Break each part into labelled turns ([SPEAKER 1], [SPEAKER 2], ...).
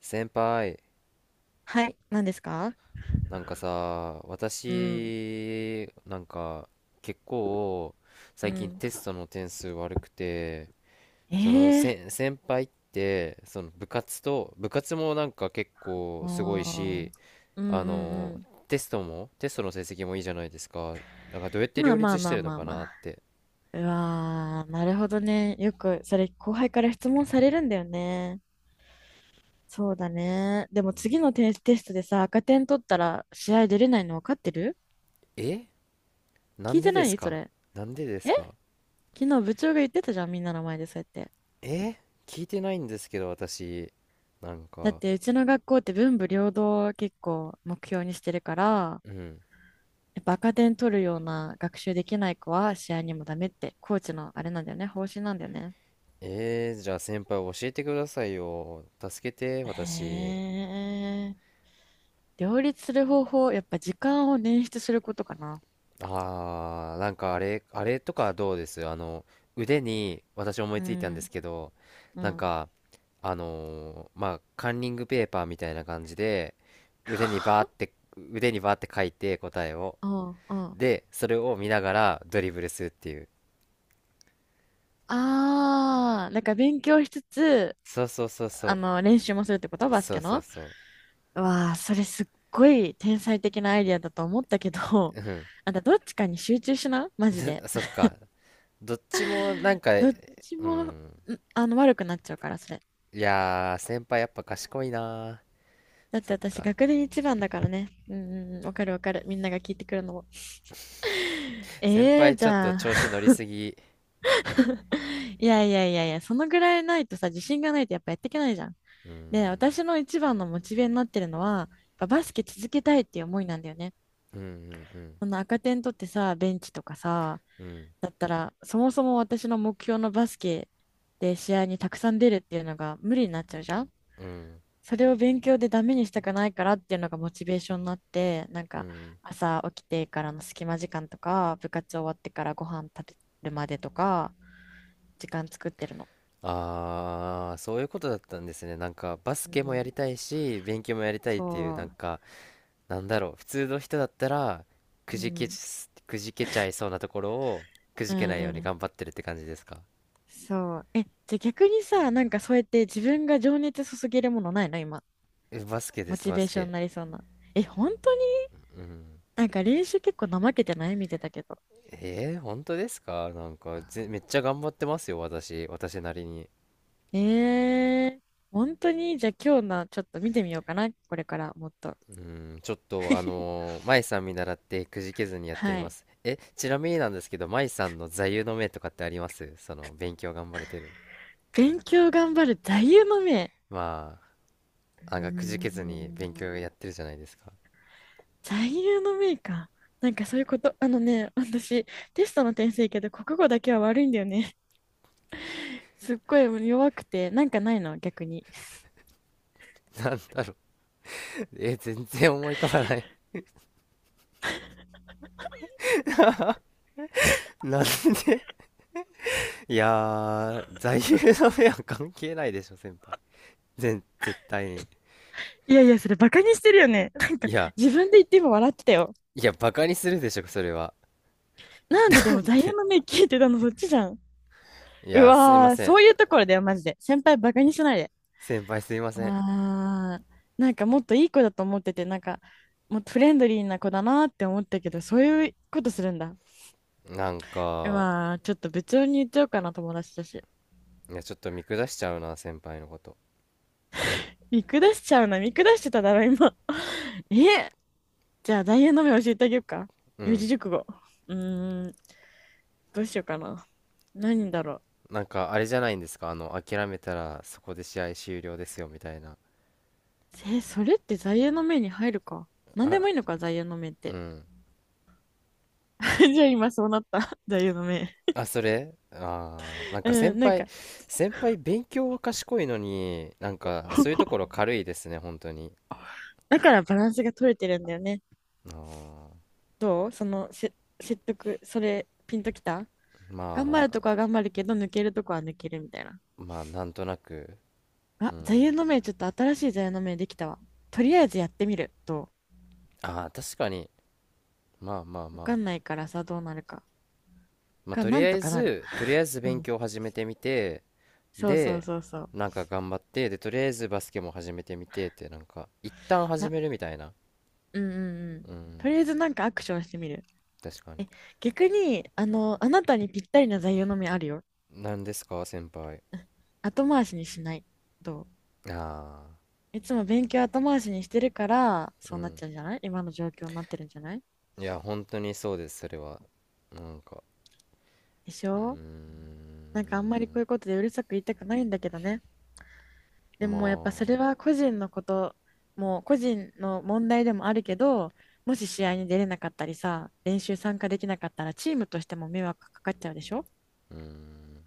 [SPEAKER 1] 先輩、
[SPEAKER 2] はい、何ですか？
[SPEAKER 1] なんかさ、
[SPEAKER 2] うん、
[SPEAKER 1] 私、結構、
[SPEAKER 2] う
[SPEAKER 1] 最近
[SPEAKER 2] ん。
[SPEAKER 1] テストの点数悪くて、
[SPEAKER 2] ええ。
[SPEAKER 1] 先輩って、部活もなんか結構
[SPEAKER 2] あ
[SPEAKER 1] すごい
[SPEAKER 2] あ、
[SPEAKER 1] し、
[SPEAKER 2] うんう
[SPEAKER 1] あ
[SPEAKER 2] ん
[SPEAKER 1] の、
[SPEAKER 2] う
[SPEAKER 1] テストの成績もいいじゃないですか。だからどうやっ
[SPEAKER 2] ん。
[SPEAKER 1] て
[SPEAKER 2] ま
[SPEAKER 1] 両
[SPEAKER 2] あま
[SPEAKER 1] 立
[SPEAKER 2] あ
[SPEAKER 1] し
[SPEAKER 2] ま
[SPEAKER 1] て
[SPEAKER 2] あ
[SPEAKER 1] るの
[SPEAKER 2] まあ
[SPEAKER 1] か
[SPEAKER 2] ま
[SPEAKER 1] なっ
[SPEAKER 2] あ。
[SPEAKER 1] て。
[SPEAKER 2] うわー、なるほどね。よく、それ、後輩から質問されるんだよね。そうだね。でも次のテストでさ、赤点取ったら試合出れないの分かってる？
[SPEAKER 1] え、な
[SPEAKER 2] 聞
[SPEAKER 1] ん
[SPEAKER 2] い
[SPEAKER 1] で
[SPEAKER 2] て
[SPEAKER 1] で
[SPEAKER 2] な
[SPEAKER 1] す
[SPEAKER 2] いそ
[SPEAKER 1] か？
[SPEAKER 2] れ。
[SPEAKER 1] なんでで
[SPEAKER 2] え？
[SPEAKER 1] すか？
[SPEAKER 2] 昨日部長が言ってたじゃん、みんなの前でそうやって。
[SPEAKER 1] え、聞いてないんですけど、私。なん
[SPEAKER 2] だっ
[SPEAKER 1] か、
[SPEAKER 2] て、うちの学校って文武両道を結構目標にしてるから、
[SPEAKER 1] うん。
[SPEAKER 2] やっぱ赤点取るような学習できない子は試合にもダメって、コーチのあれなんだよね、方針なんだよね。
[SPEAKER 1] えー、じゃあ先輩教えてくださいよ。助けて、私。
[SPEAKER 2] へえ。両立する方法、やっぱ時間を捻出することかな。
[SPEAKER 1] あー、なんかあれ、あれとかどうです？腕に私思い
[SPEAKER 2] う
[SPEAKER 1] ついたんです
[SPEAKER 2] ん、
[SPEAKER 1] けど、
[SPEAKER 2] う
[SPEAKER 1] なん
[SPEAKER 2] ん。
[SPEAKER 1] か、カンニングペーパーみたいな感じで、腕にバーって、腕にバーって書いて答えを。
[SPEAKER 2] うんうん。
[SPEAKER 1] で、それを見ながらドリブルするっていう。
[SPEAKER 2] ああ、なんか勉強しつつ、
[SPEAKER 1] そうそうそうそ
[SPEAKER 2] 練習もするってこと
[SPEAKER 1] う。
[SPEAKER 2] バス
[SPEAKER 1] そ
[SPEAKER 2] ケ
[SPEAKER 1] うそう
[SPEAKER 2] の。
[SPEAKER 1] そ
[SPEAKER 2] うわあ、それすっごい天才的なアイディアだと思ったけど、
[SPEAKER 1] う。うん。
[SPEAKER 2] あんたどっちかに集中しな、マジで。
[SPEAKER 1] そっか。どっちもなんか、
[SPEAKER 2] どっち
[SPEAKER 1] う
[SPEAKER 2] も、ん
[SPEAKER 1] ん。
[SPEAKER 2] 悪くなっちゃうから、それ。
[SPEAKER 1] いやー、先輩やっぱ賢いな
[SPEAKER 2] だっ
[SPEAKER 1] ー。
[SPEAKER 2] て
[SPEAKER 1] そっ
[SPEAKER 2] 私、
[SPEAKER 1] か。
[SPEAKER 2] 学年一番だからね。うんうんうん、わかるわかる。みんなが聞いてくるのも。
[SPEAKER 1] 先
[SPEAKER 2] ええー
[SPEAKER 1] 輩
[SPEAKER 2] じ
[SPEAKER 1] ちょっと
[SPEAKER 2] ゃ
[SPEAKER 1] 調子
[SPEAKER 2] あ。
[SPEAKER 1] 乗りすぎ。
[SPEAKER 2] いやいやいやいや、そのぐらいないとさ、自信がないとやっぱやっていけないじゃん。
[SPEAKER 1] うー
[SPEAKER 2] で、私
[SPEAKER 1] ん。
[SPEAKER 2] の一番のモチベになってるのは、やっぱバスケ続けたいっていう思いなんだよね。
[SPEAKER 1] うんうん
[SPEAKER 2] その赤点取ってさ、ベンチとかさ、
[SPEAKER 1] うん。
[SPEAKER 2] だったら、そもそも私の目標のバスケで試合にたくさん出るっていうのが無理になっちゃうじゃん。
[SPEAKER 1] うん。うん
[SPEAKER 2] それを勉強でダメにしたくないからっていうのがモチベーションになって、なん
[SPEAKER 1] う
[SPEAKER 2] か
[SPEAKER 1] ん。
[SPEAKER 2] 朝起きてからの隙間時間とか、部活終わってからご飯食べるまでとか、時間作ってるの。
[SPEAKER 1] あー、そういうことだったんですね。バス
[SPEAKER 2] う
[SPEAKER 1] ケもやり
[SPEAKER 2] ん、
[SPEAKER 1] たいし、勉強もやりたいっ
[SPEAKER 2] そ
[SPEAKER 1] ていう、なんだろう。普通の人だったら、
[SPEAKER 2] う。うん。
[SPEAKER 1] くじけちゃいそうなところを、く
[SPEAKER 2] う
[SPEAKER 1] じけないよう
[SPEAKER 2] んう
[SPEAKER 1] に
[SPEAKER 2] ん。
[SPEAKER 1] 頑張ってるって感じですか？
[SPEAKER 2] そう。え、じゃあ逆にさ、なんかそうやって自分が情熱注げるものないの今？
[SPEAKER 1] え、バスケで
[SPEAKER 2] モ
[SPEAKER 1] す、
[SPEAKER 2] チ
[SPEAKER 1] バ
[SPEAKER 2] ベー
[SPEAKER 1] ス
[SPEAKER 2] ションに
[SPEAKER 1] ケ。
[SPEAKER 2] なりそうな。え、本当に？
[SPEAKER 1] うん。
[SPEAKER 2] なんか練習結構怠けてない？見てたけど。
[SPEAKER 1] えー、本当ですか？ぜめっちゃ頑張ってますよ、私。私なりに。
[SPEAKER 2] えー、本当にじゃあ今日のちょっと見てみようかな。これからもっと。
[SPEAKER 1] うん、ちょっと舞さん見習ってくじけずにやってみ
[SPEAKER 2] は
[SPEAKER 1] ま
[SPEAKER 2] い。
[SPEAKER 1] す。え、ちなみになんですけど、舞さんの座右の銘とかってあります？その、勉強頑張れてる。
[SPEAKER 2] 勉強頑張る座右の銘。
[SPEAKER 1] まあ、
[SPEAKER 2] うー
[SPEAKER 1] あがくじけずに勉
[SPEAKER 2] ん。
[SPEAKER 1] 強やってるじゃないですか。
[SPEAKER 2] 座右の銘か。なんかそういうこと、あのね、私、テストの点数いいけど、国語だけは悪いんだよね。すっごい弱くて、なんかないの、逆に？
[SPEAKER 1] なんだろう。え、全然思い浮かばない。なんで？ いやー、座右の銘は関係ないでしょ、先輩。全、絶対に。
[SPEAKER 2] いやいや、それバカにしてるよね。
[SPEAKER 1] いや、
[SPEAKER 2] 自分で言って今笑ってたよ。
[SPEAKER 1] いや、バカにするでしょ、それは。
[SPEAKER 2] なんででも座右
[SPEAKER 1] で、
[SPEAKER 2] の銘聞いてたの、そっちじゃん？
[SPEAKER 1] い
[SPEAKER 2] う
[SPEAKER 1] や、すいま
[SPEAKER 2] わー、
[SPEAKER 1] せ
[SPEAKER 2] そうい
[SPEAKER 1] ん。
[SPEAKER 2] うところだよ、マジで。先輩バカにしないで。
[SPEAKER 1] 先輩すいません。
[SPEAKER 2] ああ、なんかもっといい子だと思ってて、なんかもっとフレンドリーな子だなって思ったけど、そういうことするんだ。
[SPEAKER 1] なん
[SPEAKER 2] う
[SPEAKER 1] か、
[SPEAKER 2] わー、ちょっと部長に言っちゃおうかな、友達だし。
[SPEAKER 1] いや、ちょっと見下しちゃうな、先輩のこと。
[SPEAKER 2] 見下しちゃうな、見下してただろ、今。え、じゃあ、大変の目教えてあげようか？
[SPEAKER 1] う
[SPEAKER 2] 四字
[SPEAKER 1] ん。
[SPEAKER 2] 熟語。うーん、どうしようかな。何だろう。
[SPEAKER 1] あれじゃないんですか、あの、諦めたらそこで試合終了ですよ、みたいな。
[SPEAKER 2] え、それって座右の銘に入るか？何で
[SPEAKER 1] あ、
[SPEAKER 2] もいいのか、座右の銘っ
[SPEAKER 1] う
[SPEAKER 2] て？
[SPEAKER 1] ん。
[SPEAKER 2] じゃあ今そうなった。座右の銘。
[SPEAKER 1] あ、それあー、なん
[SPEAKER 2] う
[SPEAKER 1] か先
[SPEAKER 2] ん、なん
[SPEAKER 1] 輩、
[SPEAKER 2] か、
[SPEAKER 1] 先輩勉強は賢いのに、そういうところ軽いですね、本当に。
[SPEAKER 2] だからバランスが取れてるんだよね。
[SPEAKER 1] あー、
[SPEAKER 2] どうそのせ説得、それ、ピンときた？
[SPEAKER 1] ま
[SPEAKER 2] 頑張るとこは頑張るけど、抜けるとこは抜けるみたいな。
[SPEAKER 1] あ、まあ、なんとなく。
[SPEAKER 2] あ、
[SPEAKER 1] う
[SPEAKER 2] 座右
[SPEAKER 1] ん。
[SPEAKER 2] の銘、ちょっと新しい座右の銘できたわ。とりあえずやってみる。
[SPEAKER 1] ああ、確かに。まあまあ
[SPEAKER 2] わ
[SPEAKER 1] ま
[SPEAKER 2] か
[SPEAKER 1] あ。
[SPEAKER 2] んないからさ、どうなるか。
[SPEAKER 1] まあ、
[SPEAKER 2] なんとかなる。
[SPEAKER 1] とりあえず
[SPEAKER 2] う
[SPEAKER 1] 勉
[SPEAKER 2] ん。
[SPEAKER 1] 強を始めてみて、
[SPEAKER 2] そうそう
[SPEAKER 1] で、
[SPEAKER 2] そうそう。
[SPEAKER 1] なんか頑張って、で、とりあえずバスケも始めてみてって、なんか、一旦始
[SPEAKER 2] な、
[SPEAKER 1] めるみたいな。
[SPEAKER 2] うんうんうん。
[SPEAKER 1] う
[SPEAKER 2] と
[SPEAKER 1] ん、
[SPEAKER 2] りあえずなんかアクションしてみる。
[SPEAKER 1] 確かに。
[SPEAKER 2] 逆に、あなたにぴったりな座右の銘あるよ。
[SPEAKER 1] 何ですか、先輩。
[SPEAKER 2] 後回しにしない。どう
[SPEAKER 1] ああ、
[SPEAKER 2] いつも勉強後回しにしてるから、
[SPEAKER 1] う
[SPEAKER 2] そうなっ
[SPEAKER 1] ん。
[SPEAKER 2] ちゃうんじゃない？今の状況になってるんじゃない？
[SPEAKER 1] いや、本当にそうです、それは。なんか、
[SPEAKER 2] でし
[SPEAKER 1] うー
[SPEAKER 2] ょ？なんかあんまりこう
[SPEAKER 1] ん、
[SPEAKER 2] いうことでうるさく言いたくないんだけどね。で
[SPEAKER 1] ま
[SPEAKER 2] もやっぱそれ
[SPEAKER 1] あ、
[SPEAKER 2] は個人のこと、もう個人の問題でもあるけど、もし試合に出れなかったりさ、練習参加できなかったらチームとしても迷惑かかっちゃうでしょ？
[SPEAKER 1] うーん。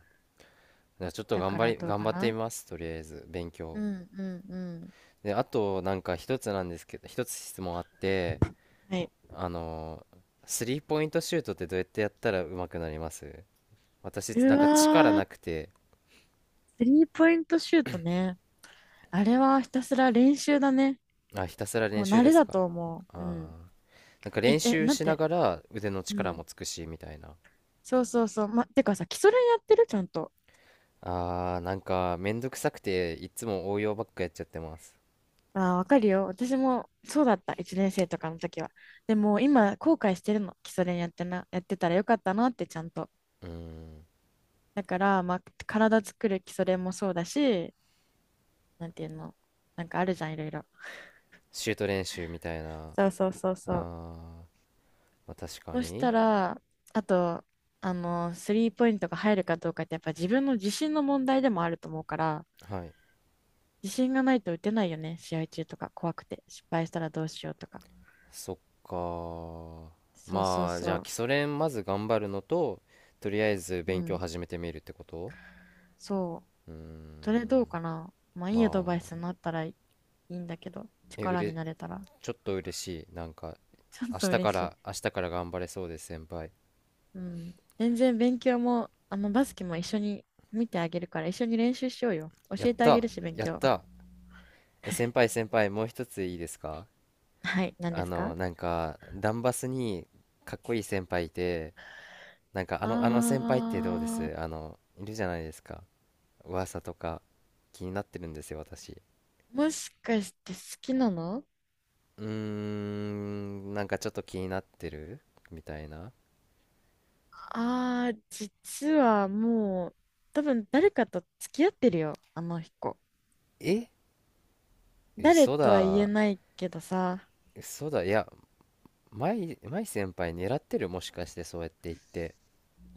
[SPEAKER 1] じゃあちょっと
[SPEAKER 2] だからどう
[SPEAKER 1] 頑
[SPEAKER 2] か
[SPEAKER 1] 張って
[SPEAKER 2] な。
[SPEAKER 1] みます、とりあえず、勉
[SPEAKER 2] う
[SPEAKER 1] 強。
[SPEAKER 2] んうんうん。
[SPEAKER 1] で、あと、なんか一つなんですけど、一つ質問あって、
[SPEAKER 2] はい。
[SPEAKER 1] あのースリーポイントシュートってどうやってやったら上手くなります？私
[SPEAKER 2] う
[SPEAKER 1] なんか力
[SPEAKER 2] わ
[SPEAKER 1] な
[SPEAKER 2] ー、
[SPEAKER 1] くて。
[SPEAKER 2] スリーポイントシュートね。あれはひたすら練習だね。
[SPEAKER 1] あ、ひたすら練
[SPEAKER 2] もう
[SPEAKER 1] 習
[SPEAKER 2] 慣
[SPEAKER 1] で
[SPEAKER 2] れ
[SPEAKER 1] す
[SPEAKER 2] だ
[SPEAKER 1] か？
[SPEAKER 2] と思
[SPEAKER 1] あー、
[SPEAKER 2] う。うん。
[SPEAKER 1] なんか練
[SPEAKER 2] え、
[SPEAKER 1] 習
[SPEAKER 2] なん
[SPEAKER 1] しな
[SPEAKER 2] て？
[SPEAKER 1] がら腕の
[SPEAKER 2] う
[SPEAKER 1] 力も
[SPEAKER 2] ん。
[SPEAKER 1] つくしみたいな。
[SPEAKER 2] そうそうそう。ま、てかさ、基礎練やってるちゃんと？
[SPEAKER 1] あー、なんかめんどくさくていつも応用ばっかやっちゃってます。
[SPEAKER 2] ああ、わかるよ。私もそうだった。1年生とかの時は。でも今、後悔してるの。基礎練やってたらよかったなって、ちゃんと。
[SPEAKER 1] うーん、
[SPEAKER 2] だから、まあ、体作る基礎練もそうだし、なんていうの。なんかあるじゃん、いろいろ。
[SPEAKER 1] シュート練習みたいな。
[SPEAKER 2] そうそうそう
[SPEAKER 1] あ
[SPEAKER 2] そう。
[SPEAKER 1] ー、まあ、確か
[SPEAKER 2] そし
[SPEAKER 1] に。
[SPEAKER 2] たら、あと、スリーポイントが入るかどうかって、やっぱ自分の自信の問題でもあると思うから、
[SPEAKER 1] はい。
[SPEAKER 2] 自信がないと打てないよね。試合中とか、怖くて。失敗したらどうしようとか。
[SPEAKER 1] そっか。
[SPEAKER 2] そうそう
[SPEAKER 1] まあじ
[SPEAKER 2] そ
[SPEAKER 1] ゃあ基
[SPEAKER 2] う。
[SPEAKER 1] 礎練まず頑張るのと、とりあえず
[SPEAKER 2] う
[SPEAKER 1] 勉強
[SPEAKER 2] ん。
[SPEAKER 1] 始めてみるってこと。
[SPEAKER 2] そう。
[SPEAKER 1] うー
[SPEAKER 2] それどう
[SPEAKER 1] ん。
[SPEAKER 2] かな。まあいいアド
[SPEAKER 1] ま
[SPEAKER 2] バイ
[SPEAKER 1] あ、
[SPEAKER 2] スになったらいいんだけど、
[SPEAKER 1] え、う
[SPEAKER 2] 力に
[SPEAKER 1] れ、
[SPEAKER 2] なれたら。
[SPEAKER 1] ちょっと嬉しいなんか。
[SPEAKER 2] ちょっ
[SPEAKER 1] 明日
[SPEAKER 2] と
[SPEAKER 1] か
[SPEAKER 2] 嬉しい。
[SPEAKER 1] ら明日から頑張れそうです先輩。
[SPEAKER 2] うん。全然勉強も、バスケも一緒に見てあげるから、一緒に練習しようよ。
[SPEAKER 1] や
[SPEAKER 2] 教
[SPEAKER 1] っ
[SPEAKER 2] えてあげ
[SPEAKER 1] た
[SPEAKER 2] るし、勉
[SPEAKER 1] やっ
[SPEAKER 2] 強。
[SPEAKER 1] た。え、先輩、先輩もう一ついいですか？
[SPEAKER 2] はい、何で
[SPEAKER 1] あ
[SPEAKER 2] す
[SPEAKER 1] の、
[SPEAKER 2] か？
[SPEAKER 1] なんかダンバスにかっこいい先輩いて、なんかあの、あの先輩ってどうで
[SPEAKER 2] あ
[SPEAKER 1] す？あのいるじゃないですか。噂とか気になってるんですよ、私。
[SPEAKER 2] ー、もしかして好きなの？
[SPEAKER 1] うーん、なんかちょっと気になってるみたいな。
[SPEAKER 2] あー、実はもう、多分誰かと付き合ってるよ、あの子。
[SPEAKER 1] え、
[SPEAKER 2] 誰
[SPEAKER 1] 嘘
[SPEAKER 2] とは言え
[SPEAKER 1] だ、
[SPEAKER 2] ないけどさ。
[SPEAKER 1] 嘘だ。いや、舞先輩狙ってる？もしかしてそうやって言って。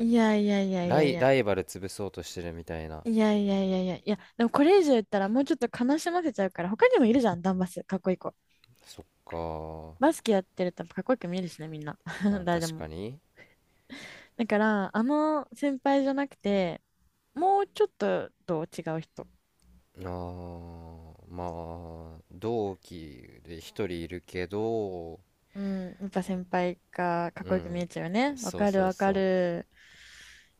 [SPEAKER 2] いやいやいやいやい
[SPEAKER 1] ラ
[SPEAKER 2] や、
[SPEAKER 1] イバル潰そうとしてるみたいな。
[SPEAKER 2] いやいやいやいやいや、でもこれ以上言ったらもうちょっと悲しませちゃうから、他にもいるじゃん、ダンバス、かっこいい子。
[SPEAKER 1] そっか。
[SPEAKER 2] バスケやってるとかっこよく見えるしね、みんな。
[SPEAKER 1] まあ
[SPEAKER 2] 誰で
[SPEAKER 1] 確
[SPEAKER 2] も。
[SPEAKER 1] かに。
[SPEAKER 2] だから、あの先輩じゃなくて、もうちょっと違う人。
[SPEAKER 1] あー、まあ、同期で一人いるけど、
[SPEAKER 2] うん、やっぱ先輩がかっ
[SPEAKER 1] う
[SPEAKER 2] こよく見
[SPEAKER 1] ん。
[SPEAKER 2] えちゃうよね。わ
[SPEAKER 1] そう
[SPEAKER 2] かる
[SPEAKER 1] そう
[SPEAKER 2] わか
[SPEAKER 1] そう。
[SPEAKER 2] る。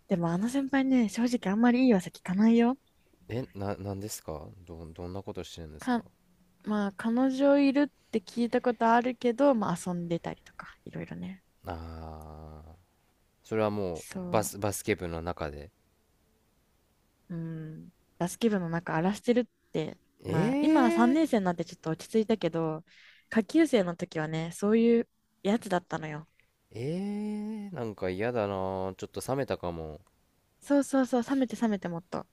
[SPEAKER 2] でもあの先輩ね、正直あんまりいい噂聞かないよ。
[SPEAKER 1] え、なんですか？どんなことしてるんですか？
[SPEAKER 2] か、まあ彼女いるって聞いたことあるけど、まあ遊んでたりとか、いろいろね。
[SPEAKER 1] ああ、それはもう
[SPEAKER 2] そう。
[SPEAKER 1] バスケ部の中で。
[SPEAKER 2] うん、バスケ部の中荒らしてるって、
[SPEAKER 1] え
[SPEAKER 2] まあ今は3
[SPEAKER 1] えー、
[SPEAKER 2] 年生になってちょっと落ち着いたけど、下級生の時はね、そういうやつだったのよ。
[SPEAKER 1] ええー、なんか嫌だな。ちょっと冷めたかも。
[SPEAKER 2] そうそうそう、冷めて冷めてもっと。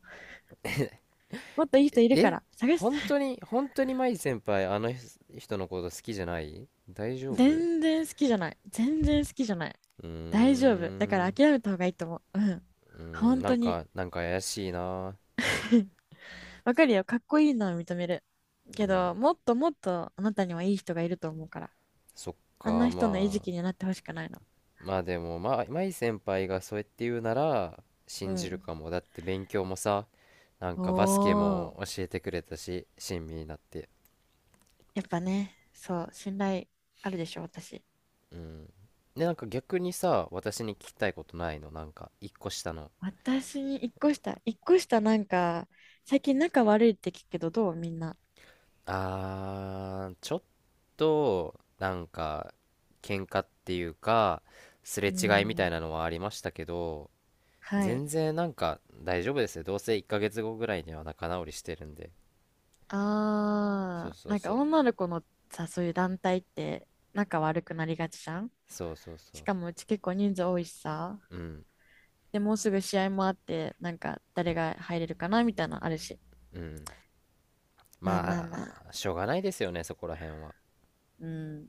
[SPEAKER 2] もっといい人いるか
[SPEAKER 1] え、
[SPEAKER 2] ら、探し、
[SPEAKER 1] 本当 に、本当に舞先輩、あの人のこと好きじゃない？大丈夫？う
[SPEAKER 2] 全然好きじゃない。全然好きじゃない。
[SPEAKER 1] ー
[SPEAKER 2] 大丈夫。だから
[SPEAKER 1] ん、
[SPEAKER 2] 諦めた方がいいと思う。うん。
[SPEAKER 1] うーん、
[SPEAKER 2] 本
[SPEAKER 1] な
[SPEAKER 2] 当
[SPEAKER 1] ん
[SPEAKER 2] に。
[SPEAKER 1] か、なんか怪しいな。
[SPEAKER 2] わかるよ。かっこいいのは認める。け
[SPEAKER 1] うん、
[SPEAKER 2] ど、もっともっとあなたにはいい人がいると思うから。
[SPEAKER 1] そっ
[SPEAKER 2] あん
[SPEAKER 1] か、
[SPEAKER 2] な人の餌
[SPEAKER 1] まあ、
[SPEAKER 2] 食になってほしくないの。
[SPEAKER 1] まあでも、まあ、舞先輩がそうやって言うなら、
[SPEAKER 2] う
[SPEAKER 1] 信じる
[SPEAKER 2] ん。
[SPEAKER 1] かも。だって勉強もさ、なんかバスケ
[SPEAKER 2] お
[SPEAKER 1] も
[SPEAKER 2] ー。
[SPEAKER 1] 教えてくれたし、親身になって。
[SPEAKER 2] やっぱね、そう、信頼あるでしょ、私。
[SPEAKER 1] うん。で、なんか逆にさ、私に聞きたいことないの？なんか、一個下の。
[SPEAKER 2] 私に一個下なんか、最近仲悪いって聞くけど、どうみんな？
[SPEAKER 1] あー、ちょっと、なんか、喧嘩っていうか、すれ
[SPEAKER 2] う
[SPEAKER 1] 違いみた
[SPEAKER 2] ん。
[SPEAKER 1] いなのはありましたけど、
[SPEAKER 2] はい。
[SPEAKER 1] 全然なんか大丈夫ですよ。どうせ1ヶ月後ぐらいには仲直りしてるんで。そ
[SPEAKER 2] あ
[SPEAKER 1] う
[SPEAKER 2] ー、
[SPEAKER 1] そう
[SPEAKER 2] なん
[SPEAKER 1] そ
[SPEAKER 2] か
[SPEAKER 1] う。
[SPEAKER 2] 女の子のさ、そういう団体って仲悪くなりがちじゃん。
[SPEAKER 1] そうそうそ
[SPEAKER 2] し
[SPEAKER 1] う。
[SPEAKER 2] かもうち結構人数多いしさ。
[SPEAKER 1] うん、
[SPEAKER 2] で、もうすぐ試合もあって、なんか誰が入れるかなみたいなのあるし。
[SPEAKER 1] うん。
[SPEAKER 2] まあまあ
[SPEAKER 1] ま
[SPEAKER 2] まあ。
[SPEAKER 1] あ、しょうがないですよね、そこら辺は。
[SPEAKER 2] うん。